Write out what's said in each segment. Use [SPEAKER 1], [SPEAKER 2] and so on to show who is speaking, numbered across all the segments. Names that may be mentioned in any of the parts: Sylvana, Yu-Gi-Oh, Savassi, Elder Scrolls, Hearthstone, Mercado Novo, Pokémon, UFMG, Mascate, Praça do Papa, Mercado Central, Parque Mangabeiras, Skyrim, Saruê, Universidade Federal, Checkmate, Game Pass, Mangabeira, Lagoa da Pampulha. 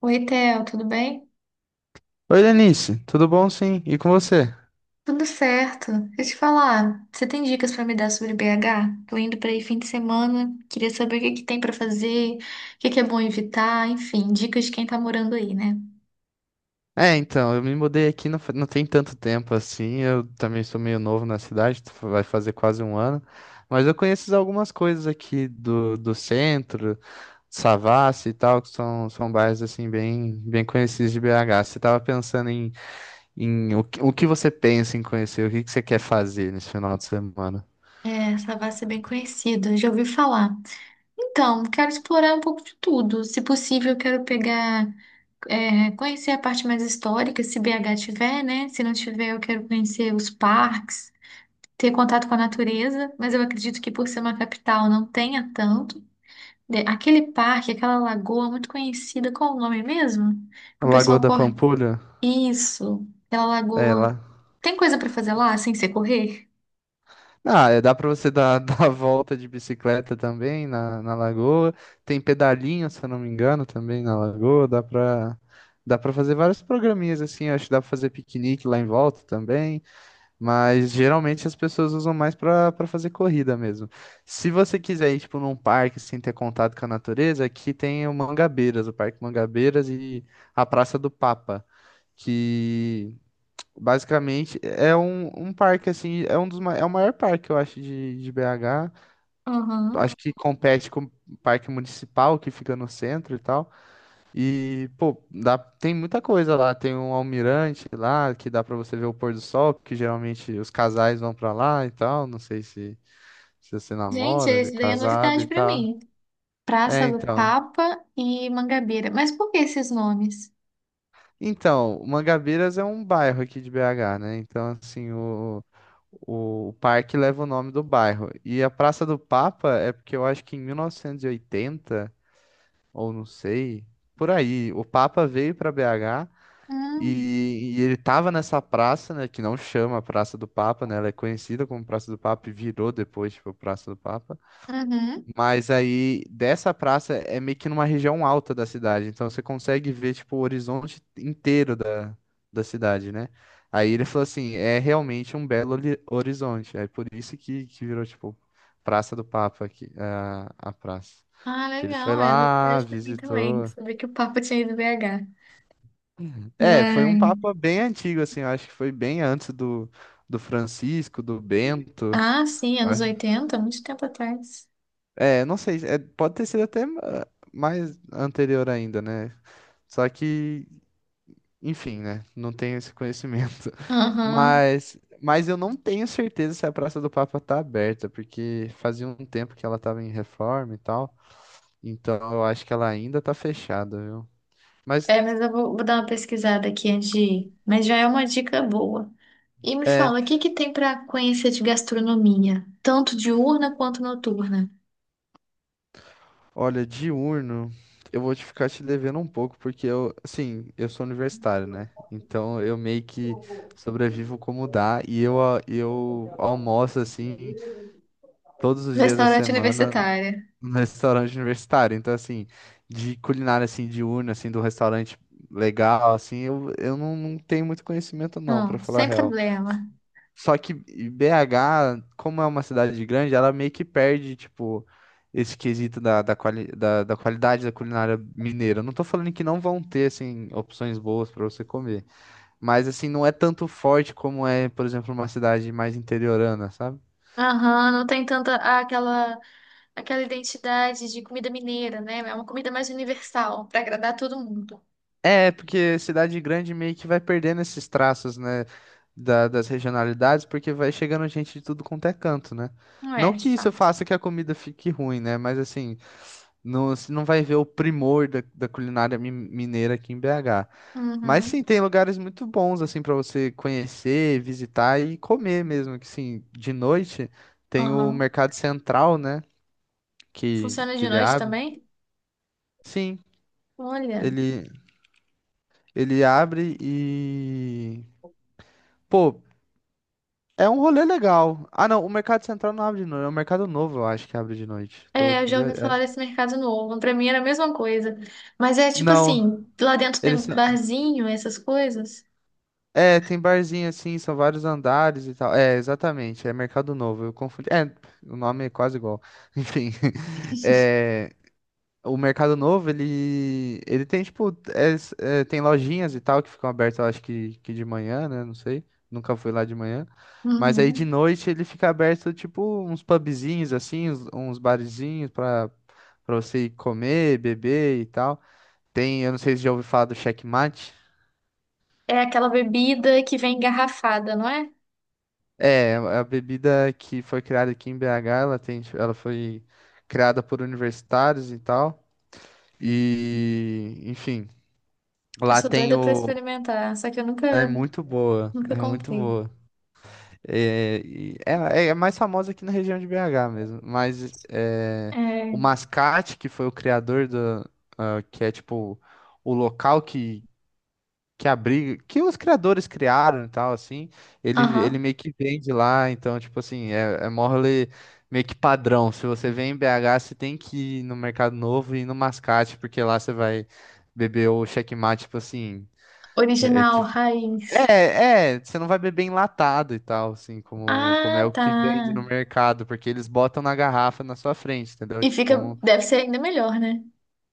[SPEAKER 1] Oi, Theo, tudo bem?
[SPEAKER 2] Oi, Lenice, tudo bom sim? E com você?
[SPEAKER 1] Tudo certo. Deixa eu te falar, você tem dicas pra me dar sobre BH? Tô indo pra aí fim de semana, queria saber o que tem pra fazer, o que é bom evitar, enfim, dicas de quem tá morando aí, né?
[SPEAKER 2] Eu me mudei aqui não, não tem tanto tempo assim. Eu também sou meio novo na cidade, vai fazer quase um ano, mas eu conheço algumas coisas aqui do centro, Savassi e tal, que são bairros assim bem conhecidos de BH. Você estava pensando em o que você pensa em conhecer, que você quer fazer nesse final de semana?
[SPEAKER 1] É, Savassi é bem conhecido, já ouvi falar. Então, quero explorar um pouco de tudo. Se possível, eu quero pegar, conhecer a parte mais histórica, se BH tiver, né? Se não tiver, eu quero conhecer os parques, ter contato com a natureza, mas eu acredito que por ser uma capital não tenha tanto. Aquele parque, aquela lagoa muito conhecida, qual o nome mesmo? Que o
[SPEAKER 2] Lagoa
[SPEAKER 1] pessoal
[SPEAKER 2] da
[SPEAKER 1] corre.
[SPEAKER 2] Pampulha?
[SPEAKER 1] Isso, aquela
[SPEAKER 2] É,
[SPEAKER 1] lagoa.
[SPEAKER 2] lá.
[SPEAKER 1] Tem coisa pra fazer lá sem ser correr?
[SPEAKER 2] Ah, é, dá pra você dar, dar a volta de bicicleta também na lagoa. Tem pedalinho, se eu não me engano, também na lagoa. Dá pra fazer vários programinhas assim. Acho que dá pra fazer piquenique lá em volta também. Mas geralmente as pessoas usam mais pra fazer corrida mesmo. Se você quiser ir, tipo, num parque, assim, ter contato com a natureza, aqui tem o Mangabeiras, o Parque Mangabeiras e a Praça do Papa. Que Basicamente, é um parque, assim, é um dos, é o maior parque, eu acho, de BH.
[SPEAKER 1] Aham.
[SPEAKER 2] Acho que compete com o parque municipal, que fica no centro e tal. E, pô, dá, tem muita coisa lá. Tem um almirante lá, que dá pra você ver o pôr do sol, que geralmente os casais vão pra lá e tal. Não sei se você
[SPEAKER 1] Gente,
[SPEAKER 2] namora,
[SPEAKER 1] esse
[SPEAKER 2] se é
[SPEAKER 1] daí é
[SPEAKER 2] casado
[SPEAKER 1] novidade
[SPEAKER 2] e
[SPEAKER 1] pra
[SPEAKER 2] tal.
[SPEAKER 1] mim.
[SPEAKER 2] É,
[SPEAKER 1] Praça do
[SPEAKER 2] então.
[SPEAKER 1] Papa e Mangabeira. Mas por que esses nomes?
[SPEAKER 2] Então, Mangabeiras é um bairro aqui de BH, né? Então, assim, o parque leva o nome do bairro. E a Praça do Papa é porque eu acho que em 1980, ou não sei, por aí, o Papa veio para BH
[SPEAKER 1] Hum,
[SPEAKER 2] e ele tava nessa praça, né? Que não chama Praça do Papa, né? Ela é conhecida como Praça do Papa e virou depois, tipo, Praça do Papa.
[SPEAKER 1] uhum.
[SPEAKER 2] Mas aí, dessa praça é meio que numa região alta da cidade, então você consegue ver, tipo, o horizonte inteiro da cidade, né? Aí ele falou assim, é realmente um belo horizonte, é por isso que virou, tipo, Praça do Papa, aqui, a praça.
[SPEAKER 1] Ah,
[SPEAKER 2] Que ele foi
[SPEAKER 1] legal, é
[SPEAKER 2] lá,
[SPEAKER 1] novidade pra mim também.
[SPEAKER 2] visitou.
[SPEAKER 1] Saber que o Papa tinha ido BH.
[SPEAKER 2] É, foi um
[SPEAKER 1] Mas.
[SPEAKER 2] papa bem antigo, assim, eu acho que foi bem antes do Francisco, do Bento.
[SPEAKER 1] Ah, sim,
[SPEAKER 2] eu
[SPEAKER 1] anos
[SPEAKER 2] acho-
[SPEAKER 1] 80, muito tempo atrás.
[SPEAKER 2] É, não sei, é, pode ter sido até mais anterior ainda, né? Só que, enfim, né? Não tenho esse conhecimento.
[SPEAKER 1] Aham.
[SPEAKER 2] Mas eu não tenho certeza se a Praça do Papa tá aberta, porque fazia um tempo que ela tava em reforma e tal. Então eu acho que ela ainda tá fechada, viu? Mas
[SPEAKER 1] É, mas eu vou dar uma pesquisada aqui antes de ir. Mas já é uma dica boa. E me
[SPEAKER 2] é,
[SPEAKER 1] fala, o que que tem para conhecer de gastronomia? Tanto diurna quanto noturna.
[SPEAKER 2] olha, diurno, eu vou te ficar te devendo um pouco, porque eu, assim, eu sou universitário, né? Então eu meio que sobrevivo como dá e eu, eu almoço assim todos os dias da
[SPEAKER 1] Restaurante
[SPEAKER 2] semana
[SPEAKER 1] universitário.
[SPEAKER 2] no restaurante universitário. Então, assim, de culinária, assim, diurna, assim, do restaurante legal, assim, eu não tenho muito conhecimento, não, pra falar a
[SPEAKER 1] Sem
[SPEAKER 2] real.
[SPEAKER 1] problema.
[SPEAKER 2] Só que BH, como é uma cidade grande, ela meio que perde, tipo, esse quesito da, da qualidade da culinária mineira. Eu não tô falando que não vão ter, assim, opções boas pra você comer. Mas, assim, não é tanto forte como é, por exemplo, uma cidade mais interiorana, sabe?
[SPEAKER 1] Aham, não tem tanta aquela, aquela identidade de comida mineira, né? É uma comida mais universal, para agradar todo mundo.
[SPEAKER 2] É, porque cidade grande meio que vai perdendo esses traços, né, das regionalidades, porque vai chegando gente de tudo quanto é canto, né?
[SPEAKER 1] Não
[SPEAKER 2] Não
[SPEAKER 1] é,
[SPEAKER 2] que
[SPEAKER 1] de
[SPEAKER 2] isso
[SPEAKER 1] fato.
[SPEAKER 2] faça que a comida fique ruim, né? Mas assim, não, você não vai ver o primor da culinária mineira aqui em BH. Mas sim,
[SPEAKER 1] Uhum,
[SPEAKER 2] tem lugares muito bons, assim, para você conhecer, visitar e comer mesmo. Que sim, de noite tem o
[SPEAKER 1] aham.
[SPEAKER 2] Mercado Central, né? Que,
[SPEAKER 1] Funciona
[SPEAKER 2] que
[SPEAKER 1] de
[SPEAKER 2] ele
[SPEAKER 1] noite
[SPEAKER 2] abre.
[SPEAKER 1] também?
[SPEAKER 2] Sim,
[SPEAKER 1] Olha.
[SPEAKER 2] ele, ele abre e. Pô, é um rolê legal. Ah, não, o Mercado Central não abre de noite. É o Mercado Novo, eu acho que abre de noite.
[SPEAKER 1] É, eu
[SPEAKER 2] Tô
[SPEAKER 1] já ouvi
[SPEAKER 2] vendo. É.
[SPEAKER 1] falar desse mercado novo. Pra mim era a mesma coisa. Mas é tipo
[SPEAKER 2] Não,
[SPEAKER 1] assim, lá dentro tem
[SPEAKER 2] eles. São-
[SPEAKER 1] barzinho, essas coisas.
[SPEAKER 2] É, tem barzinho assim, são vários andares e tal. É, exatamente, é Mercado Novo. Eu confundi. É, o nome é quase igual. Enfim. É. O Mercado Novo, ele tem, tipo, tem lojinhas e tal que ficam abertas, eu acho que de manhã, né? Não sei. Nunca fui lá de manhã. Mas aí de
[SPEAKER 1] Uhum.
[SPEAKER 2] noite ele fica aberto, tipo, uns pubzinhos, assim, uns barzinhos pra você ir comer, beber e tal. Tem, eu não sei se já ouviu falar do Checkmate.
[SPEAKER 1] É aquela bebida que vem engarrafada, não é?
[SPEAKER 2] É, a bebida que foi criada aqui em BH, ela foi criada por universitários e tal. E, enfim,
[SPEAKER 1] Eu
[SPEAKER 2] lá
[SPEAKER 1] sou
[SPEAKER 2] tem
[SPEAKER 1] doida pra
[SPEAKER 2] o,
[SPEAKER 1] experimentar, só que eu
[SPEAKER 2] é
[SPEAKER 1] nunca,
[SPEAKER 2] muito boa,
[SPEAKER 1] nunca
[SPEAKER 2] é muito
[SPEAKER 1] comprei.
[SPEAKER 2] boa. É, e- é, é é mais famosa aqui na região de BH mesmo, mas é, o
[SPEAKER 1] É,
[SPEAKER 2] Mascate, que foi o criador do, ah, que é tipo o local que abriga, que os criadores criaram e tal, assim, ele
[SPEAKER 1] aham.
[SPEAKER 2] meio que vende lá, então, tipo assim, é mole meio que padrão. Se você vem em BH, você tem que ir no Mercado Novo e ir no Mascate, porque lá você vai beber o checkmate, tipo assim, é, é que
[SPEAKER 1] Original, raiz.
[SPEAKER 2] você não vai beber enlatado e tal, assim, como, como
[SPEAKER 1] Ah,
[SPEAKER 2] é o
[SPEAKER 1] tá.
[SPEAKER 2] que vende no mercado, porque eles botam na garrafa na sua frente, entendeu?
[SPEAKER 1] E fica, deve ser ainda melhor, né?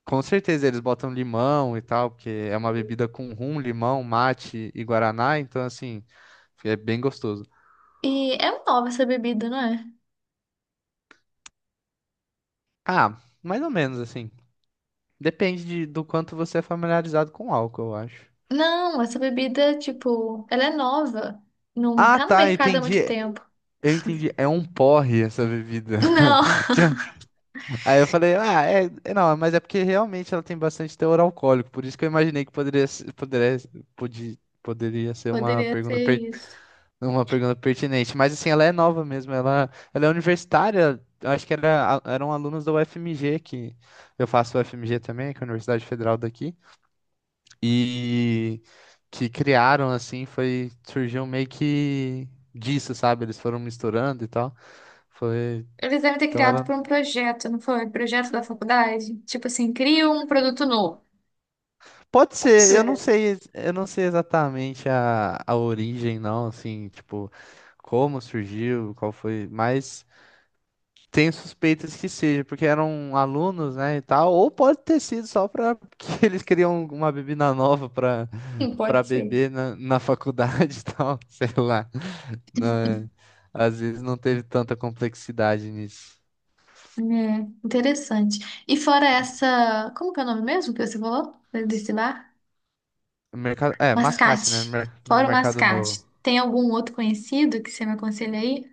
[SPEAKER 2] Com certeza eles botam limão e tal, porque é uma bebida com rum, limão, mate e guaraná, então, assim, é bem gostoso.
[SPEAKER 1] E é nova essa bebida, não é?
[SPEAKER 2] Ah, mais ou menos, assim, depende do quanto você é familiarizado com álcool, eu acho.
[SPEAKER 1] Não, essa bebida, tipo, ela é nova. Não
[SPEAKER 2] Ah,
[SPEAKER 1] tá no
[SPEAKER 2] tá,
[SPEAKER 1] mercado há muito
[SPEAKER 2] entendi.
[SPEAKER 1] tempo.
[SPEAKER 2] Eu entendi. É um porre essa bebida.
[SPEAKER 1] Não.
[SPEAKER 2] Aí eu falei, ah, não, mas é porque realmente ela tem bastante teor alcoólico, por isso que eu imaginei que poderia, se- poderia, podia, poderia ser
[SPEAKER 1] Poderia ser isso.
[SPEAKER 2] uma pergunta pertinente. Mas assim, ela é nova mesmo, ela é universitária, eu acho que era, eram alunos da UFMG, que eu faço UFMG também, que é a Universidade Federal daqui, e que criaram, assim, surgiu meio que disso, sabe? Eles foram misturando e tal. Foi.
[SPEAKER 1] Eles devem ter
[SPEAKER 2] Então
[SPEAKER 1] criado
[SPEAKER 2] ela
[SPEAKER 1] por um projeto, não foi? Projeto da faculdade? Tipo assim, cria um produto novo.
[SPEAKER 2] Pode ser,
[SPEAKER 1] Sim.
[SPEAKER 2] eu não sei exatamente a origem, não, assim, tipo, como surgiu, qual foi, mas tenho suspeitas que seja, porque eram alunos, né, e tal, ou pode ter sido só para que eles criam uma bebida nova
[SPEAKER 1] Sim,
[SPEAKER 2] para
[SPEAKER 1] pode ser.
[SPEAKER 2] beber na faculdade e tal, sei lá, né? Às vezes não teve tanta complexidade nisso.
[SPEAKER 1] É, interessante. E fora essa. Como que é o nome mesmo que você falou? Desse bar?
[SPEAKER 2] Mercado, é, mascate, né,
[SPEAKER 1] Mascate.
[SPEAKER 2] no
[SPEAKER 1] Fora o
[SPEAKER 2] mercado novo.
[SPEAKER 1] mascate. Tem algum outro conhecido que você me aconselha aí?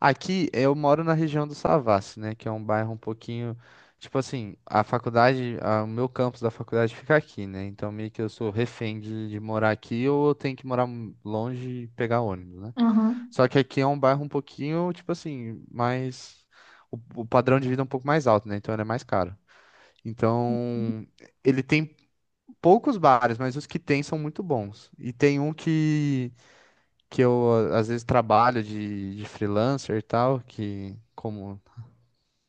[SPEAKER 2] Aqui eu moro na região do Savassi, né? Que é um bairro um pouquinho. Tipo assim, o meu campus da faculdade fica aqui, né? Então meio que eu sou refém de morar aqui ou eu tenho que morar longe e pegar ônibus, né?
[SPEAKER 1] Uhum.
[SPEAKER 2] Só que aqui é um bairro um pouquinho, tipo assim, mais. O padrão de vida é um pouco mais alto, né? Então ele é mais caro. Então, ele tem poucos bares, mas os que tem são muito bons. E tem um que eu às vezes trabalho de freelancer e tal, que como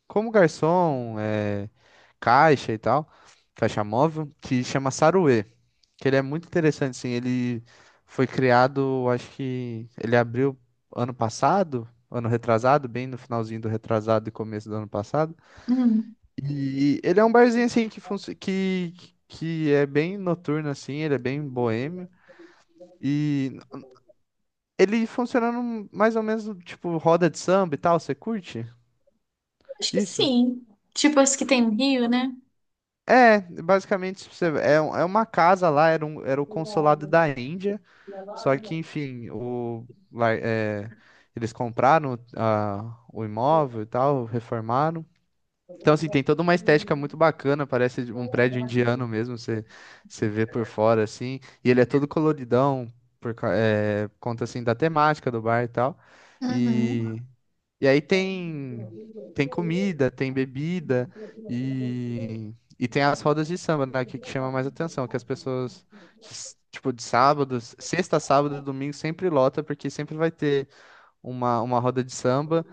[SPEAKER 2] como garçom, é, caixa e tal, caixa móvel, que chama Saruê, que ele é muito interessante, assim, ele foi criado, acho que ele abriu ano passado, ano retrasado, bem no finalzinho do retrasado e começo do ano passado.
[SPEAKER 1] Hum,
[SPEAKER 2] E ele é um barzinho assim que funci- que é bem noturno assim, ele é bem boêmio. E ele funciona mais ou menos no tipo roda de samba e tal, você curte?
[SPEAKER 1] acho que
[SPEAKER 2] Isso?
[SPEAKER 1] sim. Tipo as que tem no Rio, né?
[SPEAKER 2] É, basicamente tipo, é uma casa lá, era, um, era o consulado da Índia, só que enfim, o, lá, é, eles compraram ah, o imóvel e tal, reformaram. Então assim, tem toda uma estética muito bacana, parece de um prédio indiano mesmo, você vê por fora assim, e ele é todo coloridão, conta assim da temática do bar e tal.
[SPEAKER 1] Uhum.
[SPEAKER 2] E e aí tem comida, tem bebida e tem as rodas de samba, né, que chama mais atenção, que as pessoas tipo de sábado, sexta, sábado e domingo sempre lota porque sempre vai ter uma roda de samba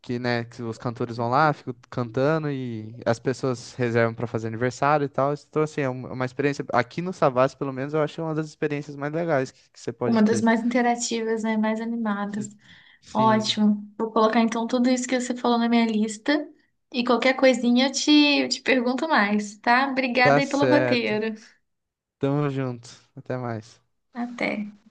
[SPEAKER 2] que, né, que os cantores vão lá, ficam cantando e as pessoas reservam para fazer aniversário e tal. Então assim, é uma experiência aqui no Savassi, pelo menos eu acho uma das experiências mais legais que você
[SPEAKER 1] Uma
[SPEAKER 2] pode
[SPEAKER 1] das
[SPEAKER 2] ter.
[SPEAKER 1] mais interativas, né? Mais animadas.
[SPEAKER 2] Sim,
[SPEAKER 1] Ótimo. Vou colocar então tudo isso que você falou na minha lista. E qualquer coisinha eu te pergunto mais, tá? Obrigada
[SPEAKER 2] tá
[SPEAKER 1] aí pelo
[SPEAKER 2] certo.
[SPEAKER 1] roteiro.
[SPEAKER 2] Tamo junto. Até mais.
[SPEAKER 1] Até.